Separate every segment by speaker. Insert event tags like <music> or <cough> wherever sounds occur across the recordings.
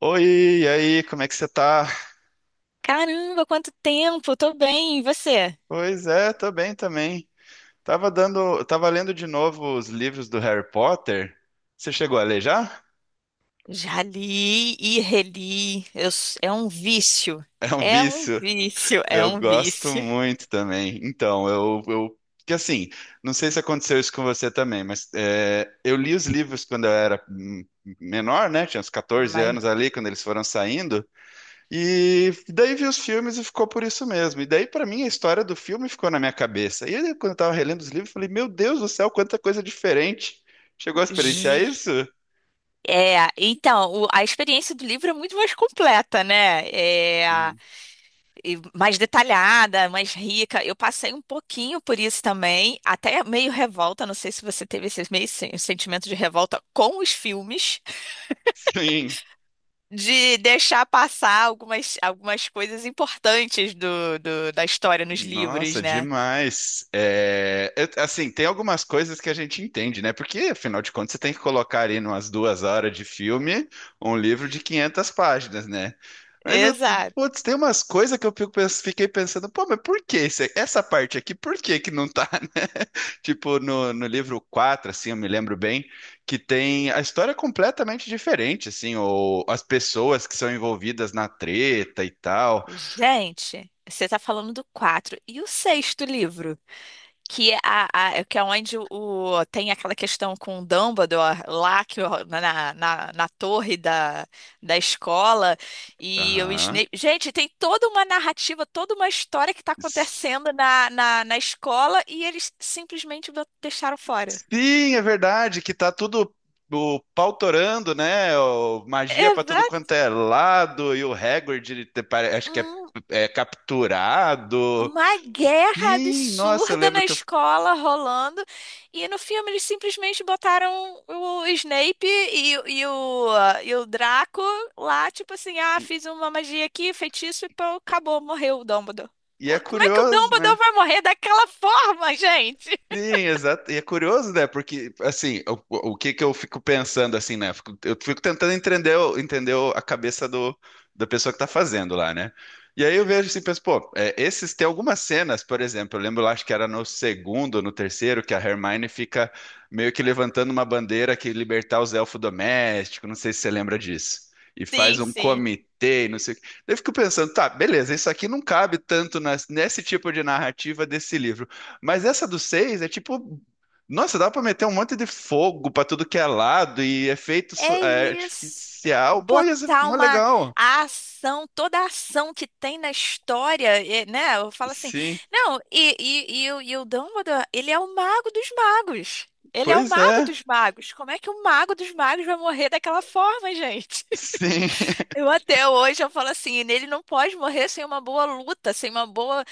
Speaker 1: Oi, e aí, como é que você tá?
Speaker 2: Caramba, quanto tempo! Tô bem, e você?
Speaker 1: Pois é, tô bem também. Tava lendo de novo os livros do Harry Potter. Você chegou a ler já? <laughs>
Speaker 2: Já li e reli. É um vício.
Speaker 1: É um
Speaker 2: É um
Speaker 1: vício.
Speaker 2: vício, é
Speaker 1: Eu
Speaker 2: um
Speaker 1: gosto
Speaker 2: vício.
Speaker 1: muito também. Então, eu, que assim, não sei se aconteceu isso com você também, mas é, eu li os livros quando eu era menor, né? Tinha uns 14
Speaker 2: Mas
Speaker 1: anos ali, quando eles foram saindo. E daí vi os filmes e ficou por isso mesmo. E daí, pra mim, a história do filme ficou na minha cabeça. E aí, quando eu tava relendo os livros, eu falei: Meu Deus do céu, quanta coisa diferente. Chegou a experienciar
Speaker 2: ju-
Speaker 1: isso?
Speaker 2: a experiência do livro é muito mais completa, né?
Speaker 1: Sim.
Speaker 2: E mais detalhada, mais rica. Eu passei um pouquinho por isso também, até meio revolta. Não sei se você teve esse meio sentimento de revolta com os filmes,
Speaker 1: Sim.
Speaker 2: de deixar passar algumas, algumas coisas importantes da história nos livros,
Speaker 1: Nossa,
Speaker 2: né?
Speaker 1: demais. É, assim, tem algumas coisas que a gente entende, né? Porque, afinal de contas, você tem que colocar ali umas 2 horas de filme um livro de 500 páginas, né? Mas,
Speaker 2: Exato.
Speaker 1: putz, tem umas coisas que eu fiquei pensando, pô, mas essa parte aqui, por que que não tá, <laughs> né? Tipo, no livro 4, assim, eu me lembro bem, que tem a história é completamente diferente, assim, ou as pessoas que são envolvidas na treta e tal.
Speaker 2: Gente, você tá falando do quatro e o sexto livro, que é, é que é onde tem aquela questão com o Dumbledore lá que, na torre da escola e o
Speaker 1: Aham.
Speaker 2: Snape. Gente, tem toda uma narrativa, toda uma história que tá acontecendo na escola e eles simplesmente deixaram fora.
Speaker 1: Sim, é verdade que tá tudo o pautorando, né? Magia pra tudo quanto é lado e o Hagrid, acho que é,
Speaker 2: um-
Speaker 1: é capturado.
Speaker 2: uma guerra
Speaker 1: Sim, nossa, eu
Speaker 2: absurda
Speaker 1: lembro
Speaker 2: na
Speaker 1: que eu,
Speaker 2: escola rolando. E no filme eles simplesmente botaram o Snape e o Draco lá, tipo assim, ah,
Speaker 1: e,
Speaker 2: fiz uma magia aqui, feitiço e pô, acabou, morreu o Dumbledore.
Speaker 1: e é
Speaker 2: Como é que o
Speaker 1: curioso, né?
Speaker 2: Dumbledore vai morrer daquela forma, <laughs> gente?
Speaker 1: Sim, exato. E é curioso, né? Porque, assim, o que que eu fico pensando, assim, né? Eu fico tentando entender, entender a cabeça da pessoa que tá fazendo lá, né? E aí eu vejo assim, penso, pô, é, esses, tem algumas cenas, por exemplo, eu lembro lá, acho que era no segundo, no terceiro, que a Hermione fica meio que levantando uma bandeira que libertar os elfos domésticos, não sei se você lembra disso. E faz
Speaker 2: Sim,
Speaker 1: um
Speaker 2: sim.
Speaker 1: comitê, e não sei o quê. Daí eu fico pensando, tá, beleza, isso aqui não cabe nesse tipo de narrativa desse livro. Mas essa do 6 é tipo. Nossa, dá pra meter um monte de fogo pra tudo que é lado e efeito
Speaker 2: É isso.
Speaker 1: artificial. Pô, ia ser
Speaker 2: Botar
Speaker 1: mó
Speaker 2: uma
Speaker 1: legal.
Speaker 2: a ação, toda a ação que tem na história, é, né? Eu falo assim,
Speaker 1: Sim,
Speaker 2: não, o Dumbledore, ele é o mago dos magos. Ele é o
Speaker 1: pois
Speaker 2: mago
Speaker 1: é.
Speaker 2: dos magos. Como é que o mago dos magos vai morrer daquela forma, gente?
Speaker 1: Sim,
Speaker 2: <laughs>
Speaker 1: <laughs>
Speaker 2: Eu até hoje eu falo assim, ele não pode morrer sem uma boa luta, sem uma boa,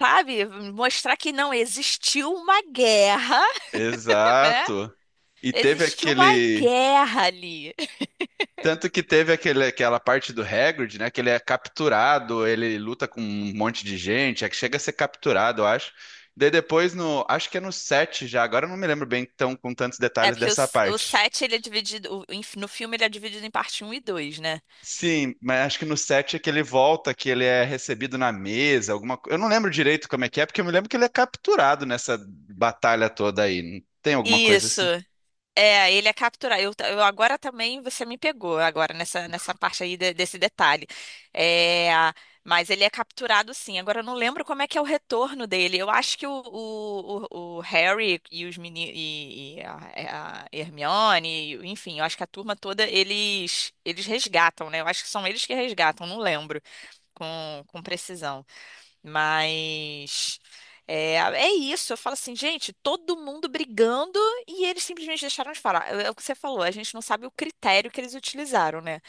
Speaker 2: sabe, mostrar que não existiu uma guerra, <laughs> né?
Speaker 1: exato. E teve
Speaker 2: Existiu uma
Speaker 1: aquele.
Speaker 2: guerra ali.
Speaker 1: Tanto que teve aquele, aquela parte do Hagrid, né? Que ele é capturado, ele luta com um monte de gente, é que chega a ser capturado, eu acho. Daí depois no. Acho que é no 7 já, agora eu não me lembro bem tão com tantos
Speaker 2: É
Speaker 1: detalhes
Speaker 2: porque
Speaker 1: dessa
Speaker 2: o
Speaker 1: parte.
Speaker 2: 7, ele é dividido. No filme ele é dividido em parte um e dois, né?
Speaker 1: Sim, mas acho que no 7 é que ele volta, que ele é recebido na mesa, alguma coisa. Eu não lembro direito como é que é, porque eu me lembro que ele é capturado nessa batalha toda aí. Tem alguma coisa
Speaker 2: Isso.
Speaker 1: assim?
Speaker 2: É, ele é capturado. Eu agora também, você me pegou agora nessa parte aí desse detalhe. É, mas ele é capturado sim. Agora eu não lembro como é que é o retorno dele. Eu acho que o Harry e os meni, e a, é, a Hermione, enfim, eu acho que a turma toda, eles resgatam, né? Eu acho que são eles que resgatam, não lembro com precisão. Mas é, é isso. Eu falo assim, gente, todo mundo brigando e eles simplesmente deixaram de falar. É, é o que você falou, a gente não sabe o critério que eles utilizaram, né?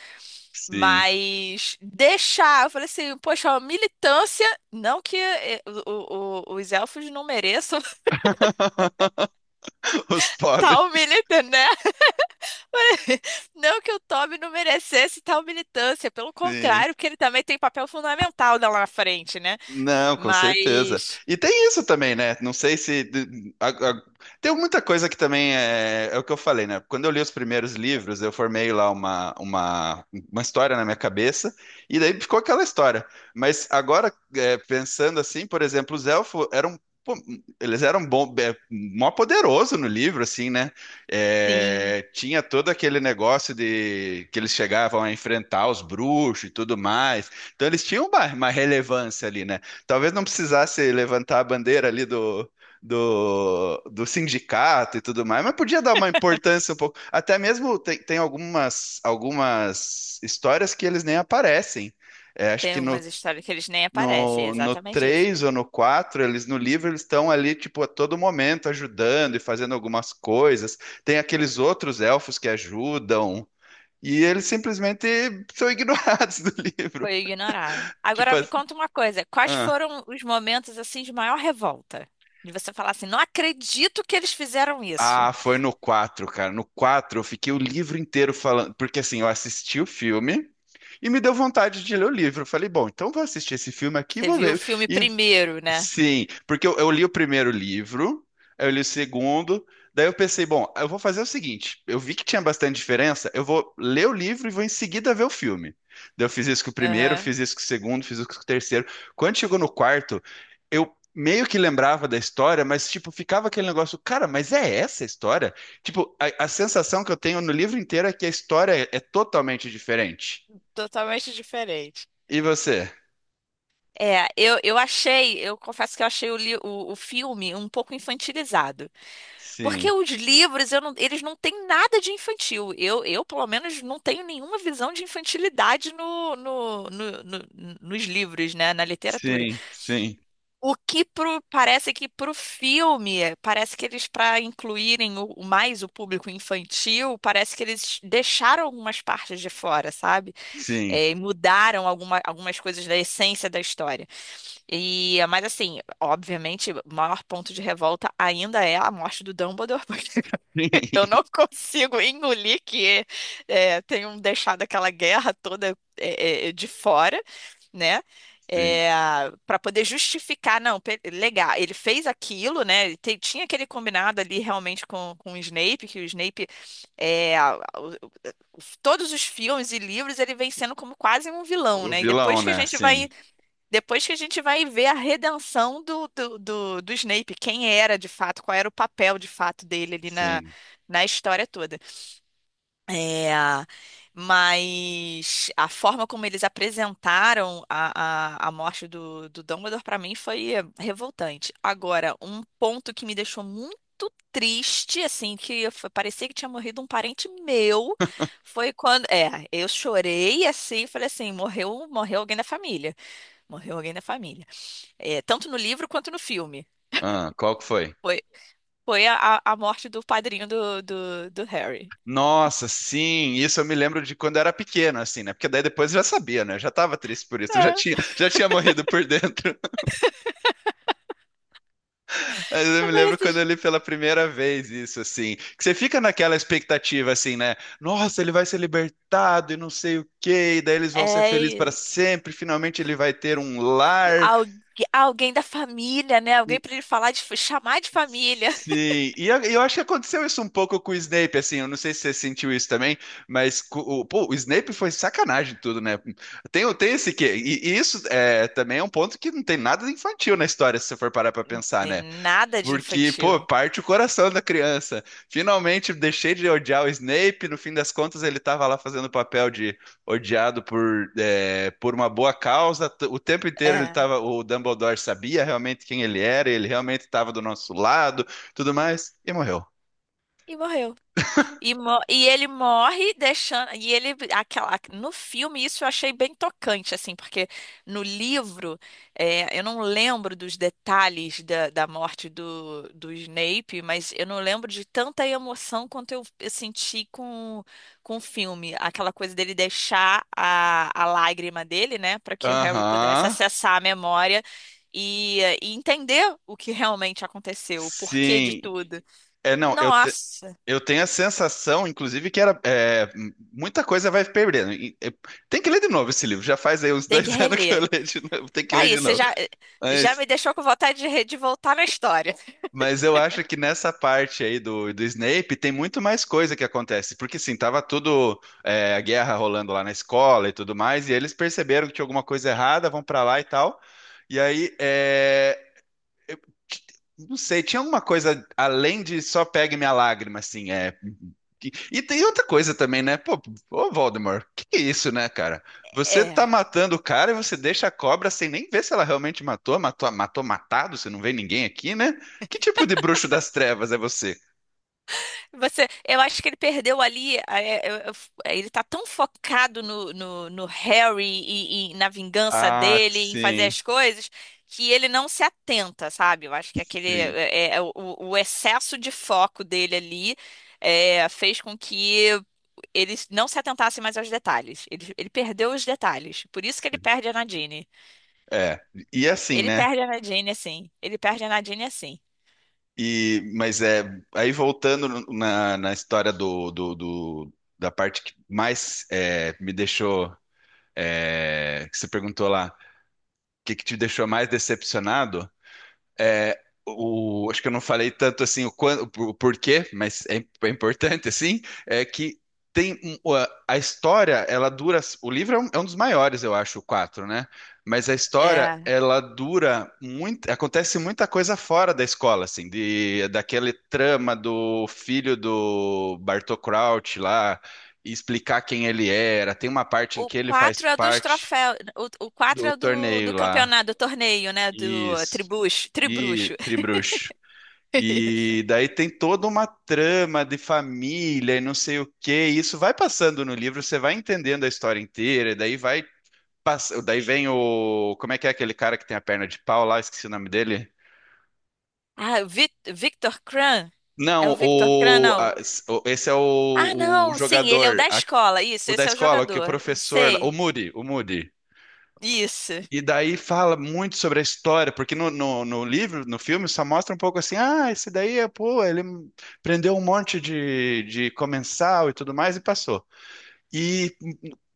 Speaker 1: Sim.
Speaker 2: Mas deixar, eu falei assim, poxa, a militância, não que é, o- os elfos não mereçam <laughs>
Speaker 1: <laughs> Os pobres.
Speaker 2: tal militância, né? <laughs> Não que o Toby não merecesse tal militância, pelo
Speaker 1: Sim.
Speaker 2: contrário, porque ele também tem papel fundamental lá na frente, né?
Speaker 1: Não, com certeza.
Speaker 2: Mas.
Speaker 1: E tem isso também, né? Não sei se. Tem muita coisa que também é o que eu falei, né? Quando eu li os primeiros livros, eu formei lá uma história na minha cabeça, e daí ficou aquela história. Mas agora, é, pensando assim, por exemplo, os elfos eram. Pô, eles eram bom, é, mó poderoso no livro, assim, né?
Speaker 2: Sim.
Speaker 1: É, tinha todo aquele negócio de que eles chegavam a enfrentar os bruxos e tudo mais. Então eles tinham uma relevância ali, né? Talvez não precisasse levantar a bandeira ali do sindicato e tudo mais, mas podia dar uma importância um pouco. Até mesmo tem algumas histórias que eles nem aparecem. É, acho
Speaker 2: Tem
Speaker 1: que
Speaker 2: algumas histórias que eles nem aparecem, é
Speaker 1: no
Speaker 2: exatamente isso.
Speaker 1: 3 ou no 4 eles no livro eles estão ali, tipo, a todo momento ajudando e fazendo algumas coisas. Tem aqueles outros elfos que ajudam. E eles simplesmente são ignorados <laughs> do livro.
Speaker 2: Foi ignorado.
Speaker 1: Tipo
Speaker 2: Agora me
Speaker 1: assim.
Speaker 2: conta uma coisa, quais
Speaker 1: ah.
Speaker 2: foram os momentos assim de maior revolta? De você falar assim, não acredito que eles fizeram isso.
Speaker 1: Ah, foi no 4, cara. No 4 eu fiquei o livro inteiro falando, porque assim, eu assisti o filme e me deu vontade de ler o livro. Eu falei, bom, então vou assistir esse filme aqui, e
Speaker 2: Você
Speaker 1: vou
Speaker 2: viu o
Speaker 1: ver.
Speaker 2: filme
Speaker 1: E
Speaker 2: primeiro, né?
Speaker 1: Sim, porque eu li o primeiro livro, aí eu li o segundo, daí eu pensei, bom, eu vou fazer o seguinte, eu vi que tinha bastante diferença, eu vou ler o livro e vou em seguida ver o filme. Daí eu fiz isso com o primeiro,
Speaker 2: Aham.
Speaker 1: fiz isso com o segundo, fiz isso com o terceiro. Quando chegou no quarto, eu meio que lembrava da história, mas tipo, ficava aquele negócio, cara, mas é essa a história? Tipo, a sensação que eu tenho no livro inteiro é que a história é totalmente diferente.
Speaker 2: Totalmente diferente.
Speaker 1: E você?
Speaker 2: É, eu achei, eu confesso que eu achei o filme um pouco infantilizado. Porque
Speaker 1: Sim,
Speaker 2: os livros, eu não- eles não têm nada de infantil. Eu, pelo menos, não tenho nenhuma visão de infantilidade nos livros, né? Na literatura.
Speaker 1: sim, sim,
Speaker 2: Parece que pro filme, parece que eles, para incluírem o mais o público infantil, parece que eles deixaram algumas partes de fora, sabe?
Speaker 1: sim.
Speaker 2: É, e mudaram algumas coisas da essência da história. E, mas assim, obviamente, o maior ponto de revolta ainda é a morte do Dumbledore. <laughs> Eu
Speaker 1: <laughs>
Speaker 2: não <laughs> consigo engolir que tenham deixado aquela guerra toda de fora, né?
Speaker 1: Sim.
Speaker 2: Para poder justificar, não, legal, ele fez aquilo, né? Tinha aquele combinado ali realmente com o Snape, que o Snape, é, a- o- o- todos os filmes e livros, ele vem sendo como quase um vilão,
Speaker 1: O
Speaker 2: né? E
Speaker 1: vilão,
Speaker 2: depois que a
Speaker 1: né?
Speaker 2: gente vai
Speaker 1: Sim,
Speaker 2: depois que a gente vai ver a redenção do Snape, quem era de fato, qual era o papel de fato dele ali
Speaker 1: sim.
Speaker 2: na história toda. É, mas a forma como eles apresentaram a morte do Dumbledore para mim foi revoltante. Agora, um ponto que me deixou muito triste, assim, que parecia que tinha morrido um parente meu, foi quando, é, eu chorei assim, falei assim, morreu, morreu alguém da família, morreu alguém da família. É, tanto no livro quanto no filme.
Speaker 1: Ah, qual que foi?
Speaker 2: Foi, foi a morte do padrinho do Harry.
Speaker 1: Nossa, sim, isso eu me lembro de quando eu era pequeno, assim, né? Porque daí depois eu já sabia, né? Eu já tava triste por isso, eu
Speaker 2: É,
Speaker 1: já tinha morrido por dentro. <laughs> Mas eu me lembro quando
Speaker 2: aparece.
Speaker 1: eu li pela primeira vez isso, assim, que você fica naquela expectativa, assim, né? Nossa, ele vai ser libertado e não sei o quê, e daí eles vão ser felizes para
Speaker 2: É, e
Speaker 1: sempre, finalmente ele vai ter um lar.
Speaker 2: algu- alguém da família, né? Alguém pra ele falar de, chamar de família. <laughs>
Speaker 1: Sim, e eu acho que aconteceu isso um pouco com o Snape, assim, eu não sei se você sentiu isso também, mas pô, o Snape foi sacanagem tudo, né? Tem, tem esse quê, e isso é, também é um ponto que não tem nada de infantil na história, se você for parar pra
Speaker 2: Não
Speaker 1: pensar,
Speaker 2: tem
Speaker 1: né?
Speaker 2: nada de
Speaker 1: Porque, pô,
Speaker 2: infantil.
Speaker 1: parte o coração da criança. Finalmente deixei de odiar o Snape. No fim das contas, ele estava lá fazendo o papel de odiado por, é, por uma boa causa. O tempo inteiro ele
Speaker 2: É.
Speaker 1: tava, o Dumbledore sabia realmente quem ele era, ele realmente estava do nosso lado, tudo mais, e morreu.
Speaker 2: E morreu. E, e ele morre deixando. E ele. Aquela, no filme, isso eu achei bem tocante, assim, porque no livro, é, eu não lembro dos detalhes da morte do Snape, mas eu não lembro de tanta emoção quanto eu senti com o filme. Aquela coisa dele deixar a lágrima dele, né, para que o Harry pudesse
Speaker 1: Aham.
Speaker 2: acessar a memória e entender o que realmente aconteceu, o porquê de
Speaker 1: Sim.
Speaker 2: tudo.
Speaker 1: É, não,
Speaker 2: Nossa,
Speaker 1: eu tenho a sensação, inclusive, que era é, muita coisa vai perdendo. Tem que ler de novo esse livro. Já faz aí uns
Speaker 2: tem que
Speaker 1: dois <laughs> anos que eu
Speaker 2: reler.
Speaker 1: leio de novo. Tem que
Speaker 2: Tá
Speaker 1: ler
Speaker 2: aí,
Speaker 1: de
Speaker 2: você
Speaker 1: novo.
Speaker 2: já, já
Speaker 1: Mas,
Speaker 2: me deixou com vontade de, de voltar na história.
Speaker 1: mas eu acho que nessa parte aí do Snape tem muito mais coisa que acontece. Porque sim, tava tudo é, a guerra rolando lá na escola e tudo mais, e eles perceberam que tinha alguma coisa errada, vão pra lá e tal. E aí é, não sei, tinha alguma coisa além de só pegue minha lágrima, assim, é. E tem outra coisa também, né? Pô, ô Voldemort, que é isso, né, cara? Você tá
Speaker 2: É.
Speaker 1: matando o cara e você deixa a cobra sem nem ver se ela realmente matou, matou, matou matado, você não vê ninguém aqui, né? Que tipo de bruxo das trevas é você?
Speaker 2: Você, eu acho que ele perdeu ali. Ele tá tão focado no Harry e na vingança
Speaker 1: Ah,
Speaker 2: dele, em fazer
Speaker 1: sim,
Speaker 2: as coisas, que ele não se atenta, sabe? Eu acho que aquele,
Speaker 1: sim,
Speaker 2: o excesso de foco dele ali fez com que ele não se atentasse mais aos detalhes. Ele perdeu os detalhes. Por isso que ele
Speaker 1: sim.
Speaker 2: perde a Nadine.
Speaker 1: É, e assim,
Speaker 2: Ele
Speaker 1: né?
Speaker 2: perde a Nadine assim. Ele perde a Nadine assim.
Speaker 1: Mas é, aí voltando na história da parte que mais é, me deixou é, que você perguntou lá, o que, que te deixou mais decepcionado? É, acho que eu não falei tanto assim o porquê, mas é, é importante assim, é que a história, ela dura. O livro é um, dos maiores, eu acho, o quatro, né? Mas a história,
Speaker 2: É.
Speaker 1: ela dura muito. Acontece muita coisa fora da escola, assim, de daquele trama do filho do Bartô Crouch lá. E explicar quem ele era, tem uma parte em
Speaker 2: O
Speaker 1: que ele faz
Speaker 2: 4 é dos
Speaker 1: parte
Speaker 2: troféus. O 4
Speaker 1: do
Speaker 2: é do
Speaker 1: torneio lá.
Speaker 2: campeonato, do torneio, né? Do
Speaker 1: Isso.
Speaker 2: tribucho,
Speaker 1: E
Speaker 2: tribruxo.
Speaker 1: Tribruxo.
Speaker 2: <laughs> Isso.
Speaker 1: E daí tem toda uma trama de família e não sei o quê. E isso vai passando no livro, você vai entendendo a história inteira, e daí daí vem o como é que é aquele cara que tem a perna de pau lá, esqueci o nome dele.
Speaker 2: Ah, o Victor Kran? É o
Speaker 1: Não,
Speaker 2: Victor Kran,
Speaker 1: o
Speaker 2: não?
Speaker 1: a- s- o- esse é
Speaker 2: Ah,
Speaker 1: o
Speaker 2: não, sim, ele é o
Speaker 1: jogador,
Speaker 2: da escola. Isso,
Speaker 1: o da
Speaker 2: esse é o
Speaker 1: escola, o que o
Speaker 2: jogador.
Speaker 1: professor, o
Speaker 2: Sei.
Speaker 1: Moody, o Moody.
Speaker 2: Isso.
Speaker 1: E daí fala muito sobre a história, porque no livro, no filme, só mostra um pouco assim, ah, esse daí, é, pô, ele prendeu um monte de comensal e tudo mais e passou. E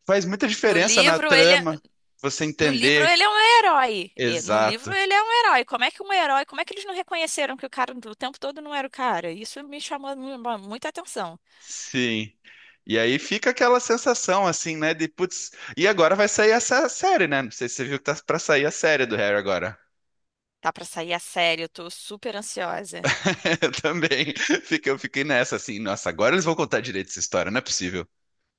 Speaker 1: faz muita
Speaker 2: No
Speaker 1: diferença na
Speaker 2: livro ele é,
Speaker 1: trama você
Speaker 2: no livro
Speaker 1: entender.
Speaker 2: ele é um herói. No livro
Speaker 1: Exato.
Speaker 2: ele é um herói. Como é que um herói, como é que eles não reconheceram que o cara o tempo todo não era o cara? Isso me chamou muita atenção.
Speaker 1: Sim. E aí fica aquela sensação assim, né, de putz, e agora vai sair essa série, né? Não sei se você viu que tá pra sair a série do Harry agora.
Speaker 2: Tá pra sair a série, eu tô super ansiosa.
Speaker 1: <laughs> Eu também. Eu fiquei nessa assim, nossa, agora eles vão contar direito essa história, não é possível.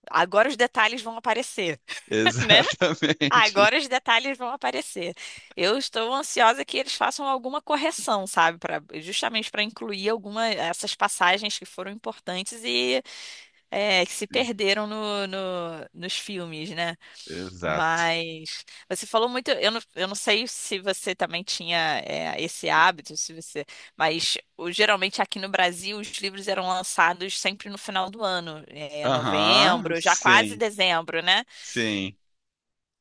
Speaker 2: Agora os detalhes vão aparecer,
Speaker 1: <laughs>
Speaker 2: <laughs> né?
Speaker 1: Exatamente.
Speaker 2: Agora os detalhes vão aparecer. Eu estou ansiosa que eles façam alguma correção, sabe, para justamente para incluir alguma essas passagens que foram importantes. E é, que se
Speaker 1: Sim,
Speaker 2: perderam nos filmes, né?
Speaker 1: exato.
Speaker 2: Mas você falou muito, eu não sei se você também tinha esse hábito, se você, mas geralmente aqui no Brasil os livros eram lançados sempre no final do ano, é,
Speaker 1: Aham,
Speaker 2: novembro, já quase
Speaker 1: sim,
Speaker 2: dezembro, né?
Speaker 1: sim.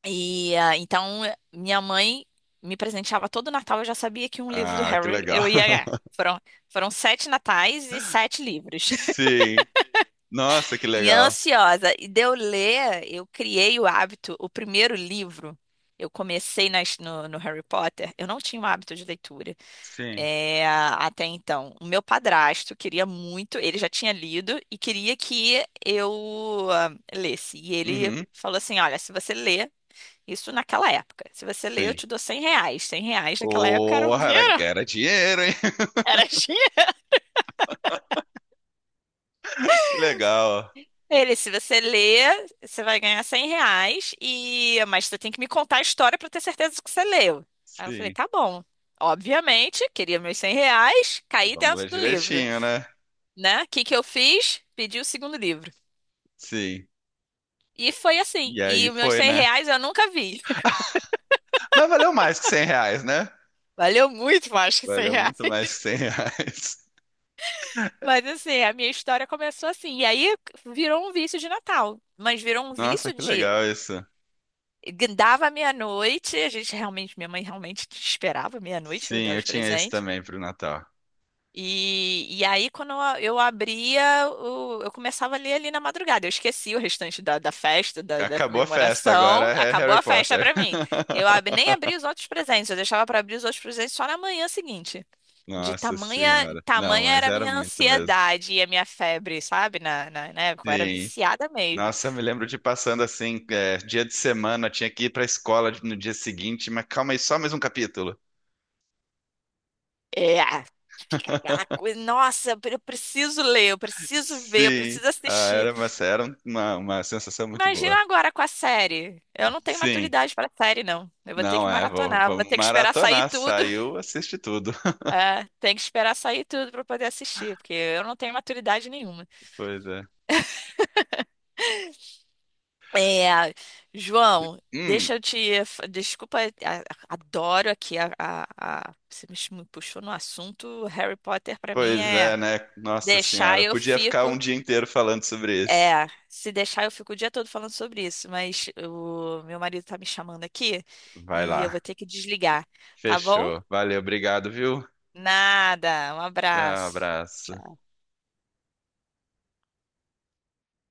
Speaker 2: E minha mãe me presenteava todo Natal, eu já sabia que um livro do
Speaker 1: Ah, que
Speaker 2: Harry
Speaker 1: legal.
Speaker 2: eu ia ganhar.
Speaker 1: <laughs>
Speaker 2: Foram, foram sete natais e sete livros.
Speaker 1: Sim. Nossa, que
Speaker 2: E
Speaker 1: legal.
Speaker 2: ansiosa. E de eu ler, eu criei o hábito, o primeiro livro. Eu comecei no Harry Potter, eu não tinha um hábito de leitura
Speaker 1: Sim.
Speaker 2: até então. O meu padrasto queria muito, ele já tinha lido e queria que eu lesse. E ele
Speaker 1: Uhum,
Speaker 2: falou assim: Olha, se você ler, isso naquela época, se você ler, eu
Speaker 1: sim.
Speaker 2: te dou 100 reais. Cem reais naquela época era
Speaker 1: Oh,
Speaker 2: um dinheiro,
Speaker 1: era dinheiro, hein?
Speaker 2: <laughs> era.
Speaker 1: <laughs> Que legal.
Speaker 2: Ele, se você ler, você vai ganhar 100 reais, e... mas você tem que me contar a história para ter certeza que você leu. Aí eu falei,
Speaker 1: Sim.
Speaker 2: tá bom. Obviamente, queria meus 100 reais, caí
Speaker 1: Vamos ler
Speaker 2: dentro do livro,
Speaker 1: direitinho, né?
Speaker 2: né? O que que eu fiz? Pedi o segundo livro.
Speaker 1: Sim.
Speaker 2: E foi assim.
Speaker 1: E
Speaker 2: E
Speaker 1: aí
Speaker 2: os meus
Speaker 1: foi,
Speaker 2: 100
Speaker 1: né?
Speaker 2: reais eu nunca vi.
Speaker 1: Mas valeu mais que R$ 100, né?
Speaker 2: <laughs> Valeu muito mais que 100
Speaker 1: Valeu
Speaker 2: reais.
Speaker 1: muito mais que R$ 100.
Speaker 2: <laughs> Mas assim, a minha história começou assim. E aí virou um vício de Natal. Mas virou um
Speaker 1: <laughs> Nossa,
Speaker 2: vício
Speaker 1: que
Speaker 2: de.
Speaker 1: legal isso.
Speaker 2: Dava meia-noite, a gente realmente, minha mãe realmente esperava meia-noite pra eu
Speaker 1: Sim,
Speaker 2: dar
Speaker 1: eu
Speaker 2: os
Speaker 1: tinha esse
Speaker 2: presentes.
Speaker 1: também pro Natal.
Speaker 2: E aí, quando eu abria, eu começava a ler ali na madrugada. Eu esqueci o restante da festa, da
Speaker 1: Acabou a festa, agora
Speaker 2: comemoração.
Speaker 1: é
Speaker 2: Acabou
Speaker 1: Harry
Speaker 2: a festa
Speaker 1: Potter.
Speaker 2: pra mim.
Speaker 1: <laughs>
Speaker 2: Nem abri os outros presentes, eu deixava pra abrir os outros presentes só na manhã seguinte. De
Speaker 1: Nossa
Speaker 2: tamanha,
Speaker 1: senhora. Não,
Speaker 2: tamanha
Speaker 1: mas
Speaker 2: era a
Speaker 1: era
Speaker 2: minha
Speaker 1: muito mesmo.
Speaker 2: ansiedade e a minha febre, sabe? Na época, eu era
Speaker 1: Sim.
Speaker 2: viciada.
Speaker 1: Nossa, eu me lembro de passando assim, é, dia de semana, tinha que ir pra escola no dia seguinte, mas calma aí, só mais um capítulo.
Speaker 2: É, fica aquela coisa, nossa, eu preciso ler, eu preciso ver, eu
Speaker 1: Sim.
Speaker 2: preciso
Speaker 1: Ah,
Speaker 2: assistir.
Speaker 1: uma sensação muito boa.
Speaker 2: Imagina agora com a série. Eu não tenho
Speaker 1: Sim.
Speaker 2: maturidade para série, não. Eu vou ter
Speaker 1: Não,
Speaker 2: que
Speaker 1: é,
Speaker 2: maratonar, vou
Speaker 1: vamos
Speaker 2: ter que esperar sair
Speaker 1: maratonar.
Speaker 2: tudo.
Speaker 1: Saiu, assiste tudo. <laughs>
Speaker 2: É, tem que esperar sair tudo para poder assistir, porque eu não tenho maturidade nenhuma.
Speaker 1: Pois é.
Speaker 2: É, João,
Speaker 1: Hum,
Speaker 2: deixa eu te. Fa- desculpa, a- adoro aqui Você me puxou no assunto. Harry Potter, para mim,
Speaker 1: pois
Speaker 2: é.
Speaker 1: é, né? Nossa
Speaker 2: Deixar
Speaker 1: senhora.
Speaker 2: eu
Speaker 1: Podia ficar
Speaker 2: fico.
Speaker 1: um dia inteiro falando sobre isso.
Speaker 2: É, se deixar eu fico o dia todo falando sobre isso, mas o meu marido tá me chamando aqui
Speaker 1: Vai
Speaker 2: e eu
Speaker 1: lá.
Speaker 2: vou ter que desligar, tá bom?
Speaker 1: Fechou. Valeu, obrigado, viu?
Speaker 2: Nada, um
Speaker 1: Tchau,
Speaker 2: abraço.
Speaker 1: abraço.